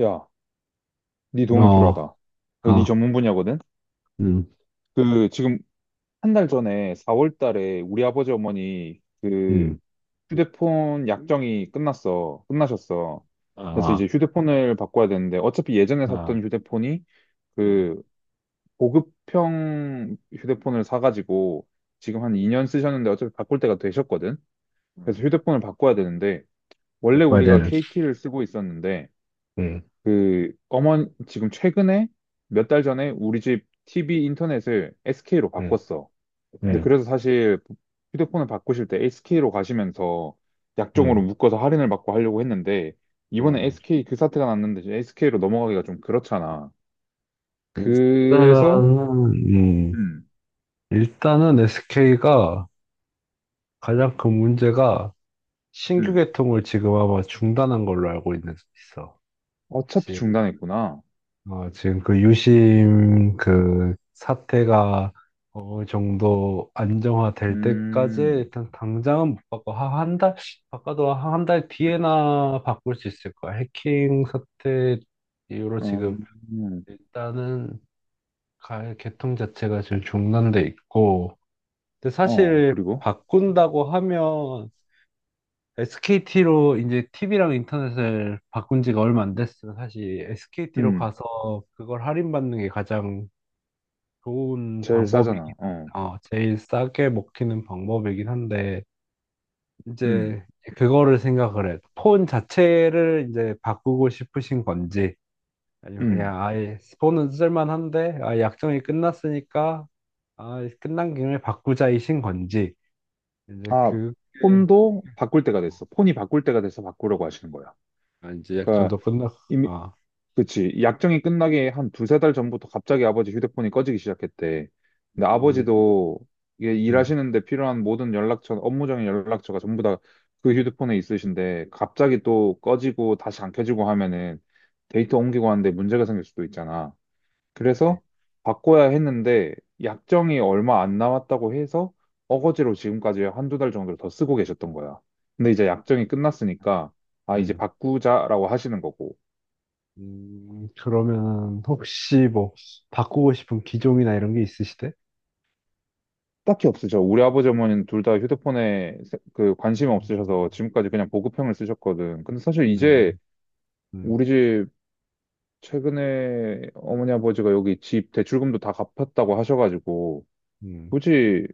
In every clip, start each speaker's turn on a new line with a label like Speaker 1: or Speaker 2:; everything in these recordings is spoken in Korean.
Speaker 1: 야, 네 도움이
Speaker 2: 어,
Speaker 1: 필요하다. 이거 네
Speaker 2: 아,
Speaker 1: 전문 분야거든?
Speaker 2: 음,
Speaker 1: 그, 지금 한 달 전에 4월 달에 우리 아버지 어머니 그
Speaker 2: 음,
Speaker 1: 휴대폰 약정이 끝났어. 끝나셨어. 그래서 이제
Speaker 2: 아,
Speaker 1: 휴대폰을 바꿔야 되는데 어차피 예전에
Speaker 2: 아, 아,
Speaker 1: 샀던 휴대폰이
Speaker 2: 음,
Speaker 1: 그 고급형 휴대폰을 사가지고 지금 한 2년 쓰셨는데 어차피 바꿀 때가 되셨거든?
Speaker 2: 음.
Speaker 1: 그래서 휴대폰을 바꿔야 되는데 원래
Speaker 2: 먹어야
Speaker 1: 우리가
Speaker 2: 되는,
Speaker 1: KT를 쓰고 있었는데
Speaker 2: 음,
Speaker 1: 그 어머니 지금 최근에 몇 달 전에 우리 집 TV 인터넷을 SK로
Speaker 2: 음,
Speaker 1: 바꿨어. 근데
Speaker 2: 음,
Speaker 1: 그래서 사실 휴대폰을 바꾸실 때 SK로 가시면서 약정으로
Speaker 2: 음,
Speaker 1: 묶어서 할인을 받고 하려고 했는데 이번에
Speaker 2: 음.
Speaker 1: SK 그 사태가 났는데 SK로 넘어가기가 좀 그렇잖아. 그래서
Speaker 2: 일단은, 음,
Speaker 1: 음,
Speaker 2: 일단은 SK가 가장 큰 문제가 신규
Speaker 1: 음.
Speaker 2: 개통을 지금 아마 중단한 걸로 알고 있어.
Speaker 1: 어차피 중단했구나.
Speaker 2: 지금 그 유심 그 사태가 어느 정도 안정화될 때까지
Speaker 1: 음,
Speaker 2: 일단 당장은 못 바꿔. 바꿔도 한 달 뒤에나 바꿀 수 있을 거야. 해킹 사태 이후로 지금
Speaker 1: 음, 음.
Speaker 2: 일단은 개통 자체가 지금 중단돼 있고. 근데
Speaker 1: 어,
Speaker 2: 사실
Speaker 1: 그리고
Speaker 2: 바꾼다고 하면 SKT로 이제 TV랑 인터넷을 바꾼 지가 얼마 안 됐으면 사실 SKT로
Speaker 1: 음,
Speaker 2: 가서 그걸 할인받는 게 가장 좋은
Speaker 1: 제일
Speaker 2: 방법이긴
Speaker 1: 싸잖아. 어,
Speaker 2: 제일 싸게 먹히는 방법이긴 한데,
Speaker 1: 음,
Speaker 2: 이제 그거를 생각을 해. 폰 자체를 이제 바꾸고 싶으신 건지, 아니면
Speaker 1: 음.
Speaker 2: 그냥 아예 폰은 쓸만한데, 약정이 끝났으니까, 끝난 김에 바꾸자이신 건지, 이제
Speaker 1: 아,
Speaker 2: 그게,
Speaker 1: 폰도 바꿀 때가
Speaker 2: 어,
Speaker 1: 됐어. 폰이 바꿀 때가 돼서 바꾸려고 하시는 거야.
Speaker 2: 이제
Speaker 1: 그러니까
Speaker 2: 약정도 끝났,
Speaker 1: 이미
Speaker 2: 어,
Speaker 1: 그치. 약정이 끝나기 한 두세 달 전부터 갑자기 아버지 휴대폰이 꺼지기 시작했대. 근데
Speaker 2: 음,
Speaker 1: 아버지도 이게
Speaker 2: 음,
Speaker 1: 일하시는데 필요한 모든 연락처, 업무적인 연락처가 전부 다 그 휴대폰에 있으신데 갑자기 또 꺼지고 다시 안 켜지고 하면은 데이터 옮기고 하는데 문제가 생길 수도 있잖아.
Speaker 2: 그치.
Speaker 1: 그래서 바꿔야 했는데 약정이 얼마 안 남았다고 해서 어거지로 지금까지 한두 달 정도를 더 쓰고 계셨던 거야. 근데 이제 약정이 끝났으니까 아 이제
Speaker 2: 음,
Speaker 1: 바꾸자라고 하시는 거고
Speaker 2: 그러면 혹시 뭐 바꾸고 싶은 기종이나 이런 게 있으시대?
Speaker 1: 딱히 없으셔. 우리 아버지 어머니는 둘 다 휴대폰에 관심이
Speaker 2: 음,
Speaker 1: 없으셔서 지금까지 그냥 보급형을 쓰셨거든. 근데 사실 이제
Speaker 2: 음, 음,
Speaker 1: 우리 집 최근에 어머니 아버지가 여기 집 대출금도 다 갚았다고 하셔가지고
Speaker 2: 음,
Speaker 1: 굳이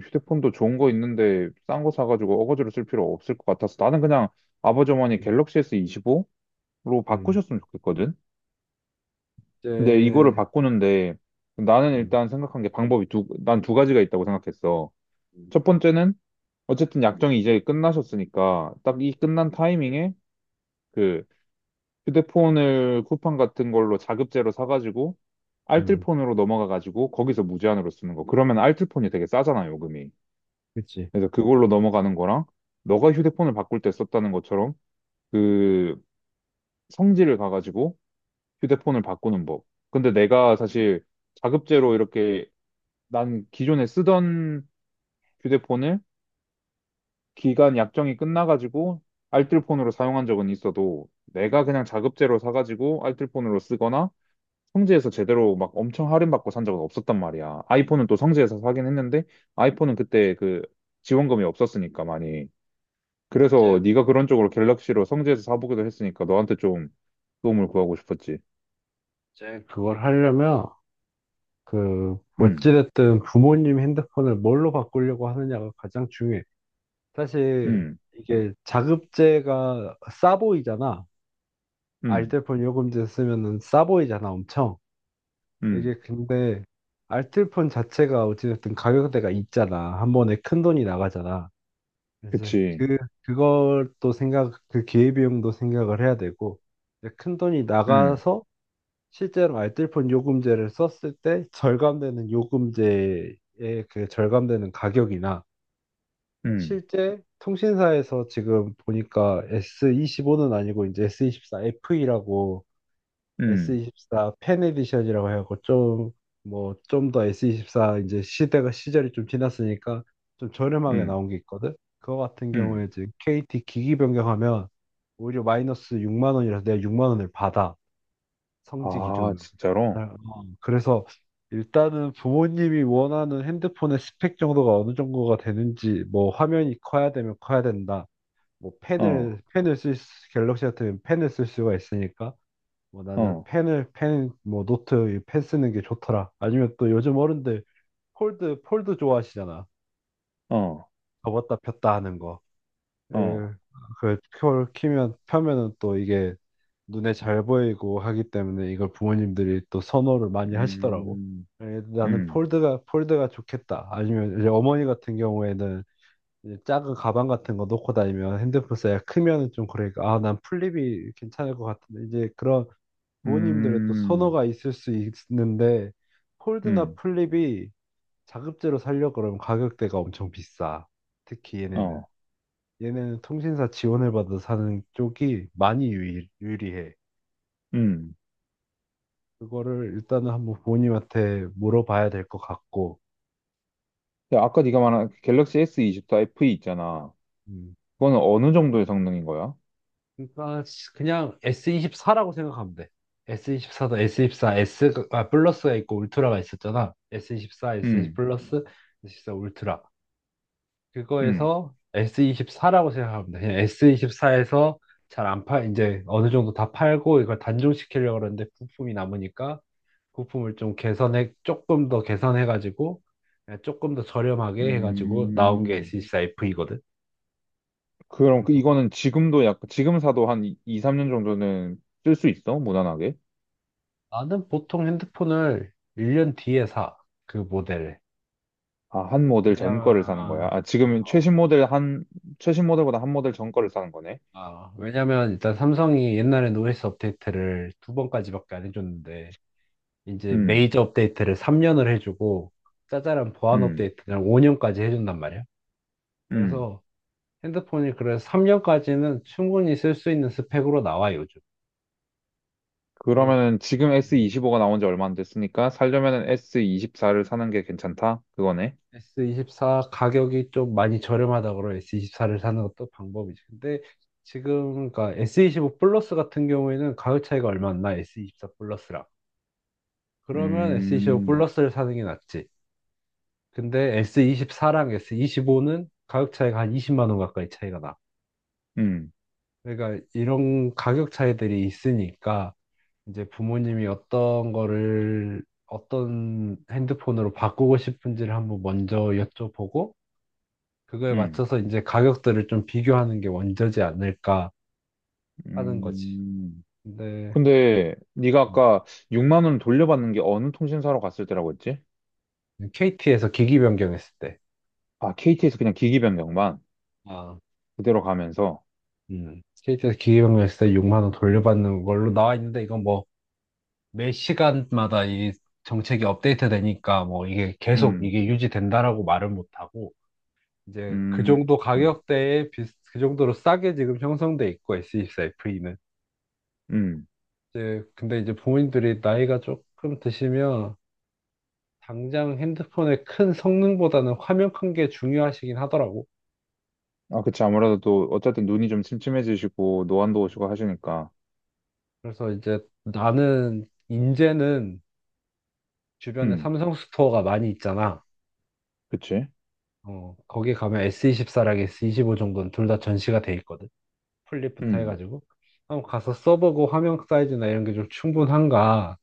Speaker 1: 휴대폰도 좋은 거 있는데 싼 거 사가지고 어거지로 쓸 필요 없을 것 같아서 나는 그냥 아버지 어머니
Speaker 2: 음.
Speaker 1: 갤럭시 S25로
Speaker 2: 음.
Speaker 1: 바꾸셨으면 좋겠거든. 근데 이거를
Speaker 2: 이제,
Speaker 1: 바꾸는데 나는
Speaker 2: 음,
Speaker 1: 일단 생각한 게 방법이 난 두 가지가 있다고 생각했어.
Speaker 2: 음,
Speaker 1: 첫 번째는 어쨌든 약정이 이제 끝나셨으니까 딱 이 끝난 타이밍에 그 휴대폰을 쿠팡 같은 걸로 자급제로 사가지고
Speaker 2: 음,
Speaker 1: 알뜰폰으로 넘어가가지고 거기서 무제한으로 쓰는 거. 그러면 알뜰폰이 되게 싸잖아, 요금이.
Speaker 2: 그치.
Speaker 1: 그래서 그걸로 넘어가는 거랑 너가 휴대폰을 바꿀 때 썼다는 것처럼 그 성질을 가가지고 휴대폰을 바꾸는 법. 근데 내가 사실 자급제로 이렇게 난 기존에 쓰던 휴대폰을 기간 약정이 끝나가지고 알뜰폰으로 사용한 적은 있어도 내가 그냥 자급제로 사가지고 알뜰폰으로 쓰거나 성지에서 제대로 막 엄청 할인받고 산 적은 없었단 말이야. 아이폰은 또 성지에서 사긴 했는데 아이폰은 그때 그 지원금이 없었으니까 많이. 그래서
Speaker 2: 이제,
Speaker 1: 네가 그런 쪽으로 갤럭시로 성지에서 사보기도 했으니까 너한테 좀 도움을 구하고 싶었지.
Speaker 2: 이제 그걸 하려면, 그,
Speaker 1: 음,
Speaker 2: 어찌됐든 부모님 핸드폰을 뭘로 바꾸려고 하느냐가 가장 중요해. 사실,
Speaker 1: 음,
Speaker 2: 이게 자급제가 싸 보이잖아.
Speaker 1: 음,
Speaker 2: 알뜰폰 요금제 쓰면은 싸 보이잖아, 엄청. 이게
Speaker 1: 음,
Speaker 2: 근데, 알뜰폰 자체가 어찌됐든 가격대가 있잖아. 한 번에 큰 돈이 나가잖아. 이제
Speaker 1: 그치.
Speaker 2: 그 그것도 생각 그 기회비용도 생각을 해야 되고 이제 큰 돈이
Speaker 1: 음,
Speaker 2: 나가서 실제로 알뜰폰 요금제를 썼을 때 절감되는 요금제의 그 절감되는 가격이나
Speaker 1: 음,
Speaker 2: 실제 통신사에서 지금 보니까 S25는 아니고 이제 S24 FE라고
Speaker 1: 음,
Speaker 2: S24 팬 에디션이라고 해갖고 좀 뭐 좀 더 S24 이제 시대가 시절이 좀 지났으니까 좀 저렴하게
Speaker 1: 음,
Speaker 2: 나온 게 있거든. 그거 같은
Speaker 1: 음.
Speaker 2: 경우에 지금 KT 기기 변경하면 오히려 마이너스 6만 원이라서 내가 6만 원을 받아 성지
Speaker 1: 아,
Speaker 2: 기준으로.
Speaker 1: 진짜로?
Speaker 2: 네, 어, 그래서 일단은 부모님이 원하는 핸드폰의 스펙 정도가 어느 정도가 되는지 뭐 화면이 커야 되면 커야 된다. 뭐
Speaker 1: 어,
Speaker 2: 갤럭시 같은 펜을 쓸 수가 있으니까 뭐 나는
Speaker 1: 어,
Speaker 2: 펜을 펜 뭐 노트 이펜 쓰는 게 좋더라. 아니면 또 요즘 어른들 폴드 좋아하시잖아.
Speaker 1: 어,
Speaker 2: 접었다 폈다 하는 거. 에,
Speaker 1: 어,
Speaker 2: 그 폴 키면 펴면은 또 이게 눈에 잘 보이고 하기 때문에 이걸 부모님들이 또 선호를 많이 하시더라고.
Speaker 1: 음,
Speaker 2: 에, 나는
Speaker 1: 음,
Speaker 2: 폴드가 좋겠다. 아니면 이제 어머니 같은 경우에는 이제 작은 가방 같은 거 놓고 다니면 핸드폰 사이가 크면은 좀 그러니까 아 난 플립이 괜찮을 것 같은데 이제 그런 부모님들의 또
Speaker 1: 음,
Speaker 2: 선호가 있을 수 있는데 폴드나
Speaker 1: 음,
Speaker 2: 플립이 자급제로 살려 그러면 가격대가 엄청 비싸. 특히 얘네는.
Speaker 1: 어,
Speaker 2: 얘네는 통신사 지원을 받아 사는 쪽이 많이 유리해.
Speaker 1: 음.
Speaker 2: 그거를 일단은 한번 부모님한테 물어봐야 될 것 같고.
Speaker 1: 야, 아까 네가 말한 그 갤럭시 S24 FE 있잖아.
Speaker 2: 음.
Speaker 1: 그거는 어느 정도의 성능인 거야?
Speaker 2: 그러니까 그냥 S24라고 생각하면 돼. S24도 S24, 플러스가 있고 울트라가 있었잖아. S24, S24
Speaker 1: 음,
Speaker 2: 플러스, S24 울트라.
Speaker 1: 음,
Speaker 2: 그거에서 S24라고 생각하면 돼. 그냥 S24에서 잘 안 팔, 이제 어느 정도 다 팔고 이걸 단종시키려고 그러는데 부품이 남으니까 조금 더 개선해가지고 그냥 조금 더 저렴하게 해가지고 나온 게
Speaker 1: 음.
Speaker 2: s 2 4 v 이거든.
Speaker 1: 그럼
Speaker 2: 그래서
Speaker 1: 이거는 지금도 지금 사도 한 2, 3년 정도는 쓸 수 있어? 무난하게?
Speaker 2: 나는 보통 핸드폰을 1년 뒤에 사. 그 모델을.
Speaker 1: 아, 한 모델 전 거를 사는 거야?
Speaker 2: 왜냐면,
Speaker 1: 아, 지금
Speaker 2: 어,
Speaker 1: 최신 모델 한, 최신 모델보다 한 모델 전 거를 사는 거네?
Speaker 2: 왜냐면 일단 삼성이 옛날에 노이즈 업데이트를 두 번까지밖에 안 해줬는데 이제
Speaker 1: 음,
Speaker 2: 메이저 업데이트를 3년을 해주고 짜잘한 보안
Speaker 1: 음,
Speaker 2: 업데이트를 5년까지 해준단 말이야.
Speaker 1: 음.
Speaker 2: 그래서 핸드폰이 그래서 3년까지는 충분히 쓸 수 있는 스펙으로 나와 요즘. 그리고
Speaker 1: 그러면은 지금
Speaker 2: 음,
Speaker 1: S25가 나온 지 얼마 안 됐으니까 살려면은 S24를 사는 게 괜찮다? 그거네?
Speaker 2: S24 가격이 좀 많이 저렴하다 그러 S24를 사는 것도 방법이지. 근데 지금 그러니까 S25 플러스 같은 경우에는 가격 차이가 얼마 안 나. S24 플러스랑. 그러면 S25
Speaker 1: 음,
Speaker 2: 플러스를 사는 게 낫지. 근데 S24랑 S25는 가격 차이가 한 20만 원 가까이 차이가 나.
Speaker 1: 음,
Speaker 2: 그러니까 이런 가격 차이들이 있으니까 이제 부모님이 어떤 거를 어떤 핸드폰으로 바꾸고 싶은지를 한번 먼저 여쭤보고 그거에
Speaker 1: 음,
Speaker 2: 맞춰서 이제 가격들을 좀 비교하는 게 원저지 않을까 하는 거지.
Speaker 1: 음.
Speaker 2: 근데
Speaker 1: 근데 네가
Speaker 2: 음,
Speaker 1: 아까 6만 원 돌려받는 게 어느 통신사로 갔을 때라고 했지?
Speaker 2: KT에서 기기 변경했을 때,
Speaker 1: 아, KT에서 그냥 기기 변경만.
Speaker 2: 아,
Speaker 1: 그대로 가면서,
Speaker 2: KT에서 기기 변경했을 때 6만 원 돌려받는 걸로 나와 있는데 이건 뭐 매 시간마다 이 정책이 업데이트 되니까 뭐 이게 계속
Speaker 1: 음,
Speaker 2: 이게 유지된다라고 말을 못 하고 이제 그
Speaker 1: 음,
Speaker 2: 정도
Speaker 1: 음.
Speaker 2: 가격대에 그 정도로 싸게 지금 형성돼 있고 s 2 4 f 는
Speaker 1: 음.
Speaker 2: 이제 근데 이제 부모님들이 나이가 조금 드시면 당장 핸드폰의 큰 성능보다는 화면 큰 게 중요하시긴 하더라고.
Speaker 1: 아, 그치. 아무래도 또, 어쨌든 눈이 좀 침침해지시고, 노안도
Speaker 2: 음.
Speaker 1: 오시고 하시니까.
Speaker 2: 그래서 이제 나는 인제는 주변에
Speaker 1: 음,
Speaker 2: 삼성 스토어가 많이 있잖아.
Speaker 1: 그치.
Speaker 2: 어, 거기 가면 S24랑 S25 정도는 둘 다 전시가 돼 있거든. 플립부터
Speaker 1: 음,
Speaker 2: 해가지고. 한번 가서 써보고 화면 사이즈나 이런 게 좀 충분한가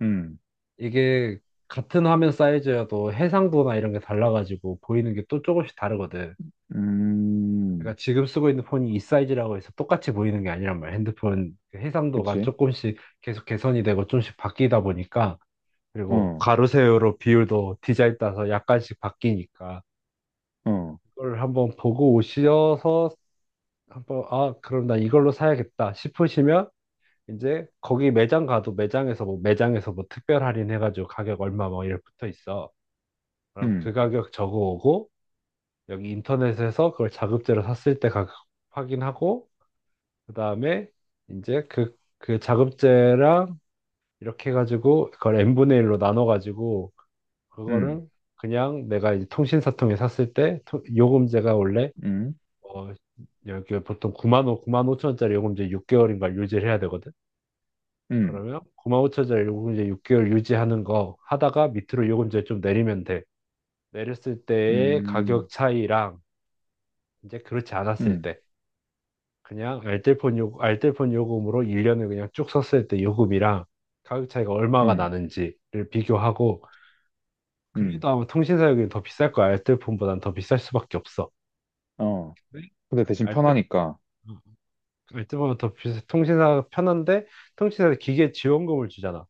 Speaker 1: 음,
Speaker 2: 이게 같은 화면 사이즈여도 해상도나 이런 게 달라가지고 보이는 게 또 조금씩 다르거든. 그러니까
Speaker 1: 음,
Speaker 2: 지금 쓰고 있는 폰이 이 사이즈라고 해서 똑같이 보이는 게 아니란 말이야. 핸드폰 그 해상도가
Speaker 1: 그치.
Speaker 2: 조금씩 계속 개선이 되고 조금씩 바뀌다 보니까 그리고
Speaker 1: 어,
Speaker 2: 가로 세로로 비율도 디자인 따서 약간씩 바뀌니까
Speaker 1: 어,
Speaker 2: 그걸 한번 보고 오셔서 한번 아 그럼 나 이걸로 사야겠다 싶으시면 이제 거기 매장 가도 매장에서 뭐 특별 할인 해가지고 가격 얼마 뭐 이렇게 붙어 있어. 그럼 그
Speaker 1: 음,
Speaker 2: 가격 적어오고 여기 인터넷에서 그걸 자급제로 샀을 때 가격 확인하고 그 다음에 이제 그 자급제랑 이렇게 해가지고 그걸 n분의 1로 나눠가지고
Speaker 1: 음,
Speaker 2: 그거를 그냥 내가 이제 통신사 통해 샀을 때 요금제가 원래
Speaker 1: 음,
Speaker 2: 어 여기 보통 9만 원, 9만 5천 원짜리 요금제 6개월인가 유지를 해야 되거든.
Speaker 1: 음,
Speaker 2: 그러면 9만 5천 원짜리 요금제 6개월 유지하는 거 하다가 밑으로 요금제 좀 내리면 돼. 내렸을 때의 가격
Speaker 1: 음,
Speaker 2: 차이랑 이제 그렇지 않았을
Speaker 1: 음,
Speaker 2: 때 그냥 알뜰폰 요금으로 1년을 그냥 쭉 썼을 때 요금이랑 가격 차이가 얼마가
Speaker 1: 음,
Speaker 2: 나는지를 비교하고
Speaker 1: 음,
Speaker 2: 그래도 아마 통신사 요금이 더 비쌀 거야. 알뜰폰보단 더 비쌀 수밖에 없어.
Speaker 1: 어.
Speaker 2: 근데
Speaker 1: 근데 대신
Speaker 2: 알뜰
Speaker 1: 편하니까.
Speaker 2: 알뜰폰은 더 비싸. 통신사가 편한데 통신사에서 기계 지원금을 주잖아.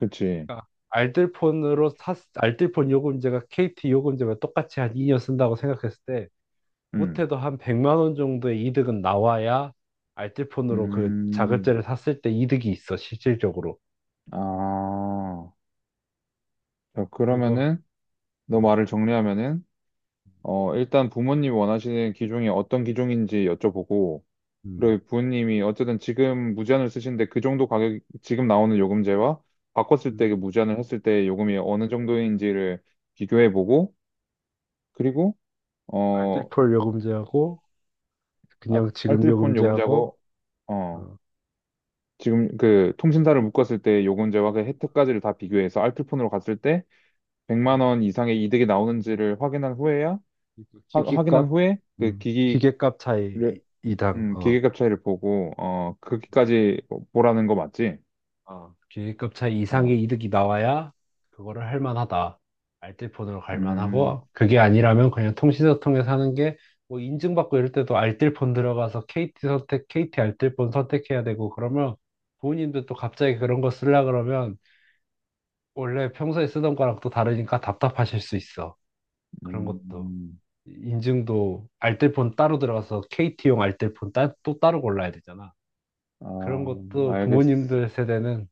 Speaker 1: 그치.
Speaker 2: 그러니까 알뜰폰 요금제가 KT 요금제와 똑같이 한 2년 쓴다고 생각했을 때
Speaker 1: 음,
Speaker 2: 못해도 한 100만 원 정도의 이득은 나와야 알뜰폰으로 그
Speaker 1: 음,
Speaker 2: 자급제를 샀을 때 이득이 있어, 실질적으로.
Speaker 1: 아. 자,
Speaker 2: 그거,
Speaker 1: 그러면은, 너
Speaker 2: 음,
Speaker 1: 말을 정리하면은, 어, 일단 부모님 이 원하시는 기종이 어떤 기종인지 여쭤보고,
Speaker 2: 음,
Speaker 1: 그리고 부모님이 어쨌든 지금 무제한을 쓰시는데 그 정도 가격, 지금 나오는 요금제와 바꿨을 때
Speaker 2: 음.
Speaker 1: 그 무제한을 했을 때 요금이 어느 정도인지를 비교해보고, 그리고, 어,
Speaker 2: 알뜰폰 요금제하고,
Speaker 1: 아,
Speaker 2: 그냥 지금
Speaker 1: 알뜰폰
Speaker 2: 요금제하고,
Speaker 1: 요금제하고, 어,
Speaker 2: 어,
Speaker 1: 지금 그 통신사를 묶었을 때 요금제와 그 혜택까지를 다 비교해서 알뜰폰으로 갔을 때
Speaker 2: 음.
Speaker 1: 100만 원 이상의 이득이 나오는지를 확인한 후에야, 확인한
Speaker 2: 기기값,
Speaker 1: 후에 그 기기
Speaker 2: 기계값
Speaker 1: 를
Speaker 2: 차이 이당, 어,
Speaker 1: 기계값 차이를 보고, 어, 거기까지 뭐, 보라는 거 맞지?
Speaker 2: 어, 기계급차
Speaker 1: 어,
Speaker 2: 이상의 이득이 나와야 그거를 할 만하다. 알뜰폰으로 갈
Speaker 1: 음,
Speaker 2: 만하고 그게 아니라면 그냥 통신사 통해서 하는 게 뭐 인증받고 이럴 때도 알뜰폰 들어가서 KT 알뜰폰 선택해야 되고 그러면 부모님들 또 갑자기 그런 거 쓰려 그러면 원래 평소에 쓰던 거랑 또 다르니까 답답하실 수 있어. 그런 것도
Speaker 1: 음,
Speaker 2: 인증도 알뜰폰 따로 들어가서 KT용 알뜰폰 또 따로 골라야 되잖아. 그런
Speaker 1: 아,
Speaker 2: 것도
Speaker 1: 알겠어.
Speaker 2: 부모님들 세대는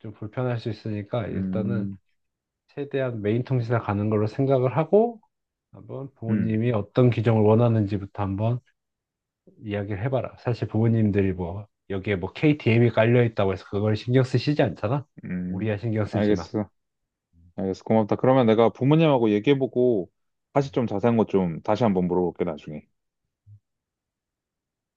Speaker 2: 좀 불편할 수 있으니까 일단은
Speaker 1: 음,
Speaker 2: 최대한 메인 통신사 가는 걸로 생각을 하고 한번
Speaker 1: 음,
Speaker 2: 부모님이 어떤 규정을 원하는지부터 한번 이야기를 해봐라. 사실 부모님들이 뭐 여기에 뭐 KTM이 깔려 있다고 해서 그걸 신경 쓰시지 않잖아. 우리야
Speaker 1: 음,
Speaker 2: 신경 쓰지만.
Speaker 1: 알겠어. 알겠어. 고맙다. 그러면 내가 부모님하고 얘기해보고, 다시 좀 자세한 거 좀 다시 한번 물어볼게, 나중에.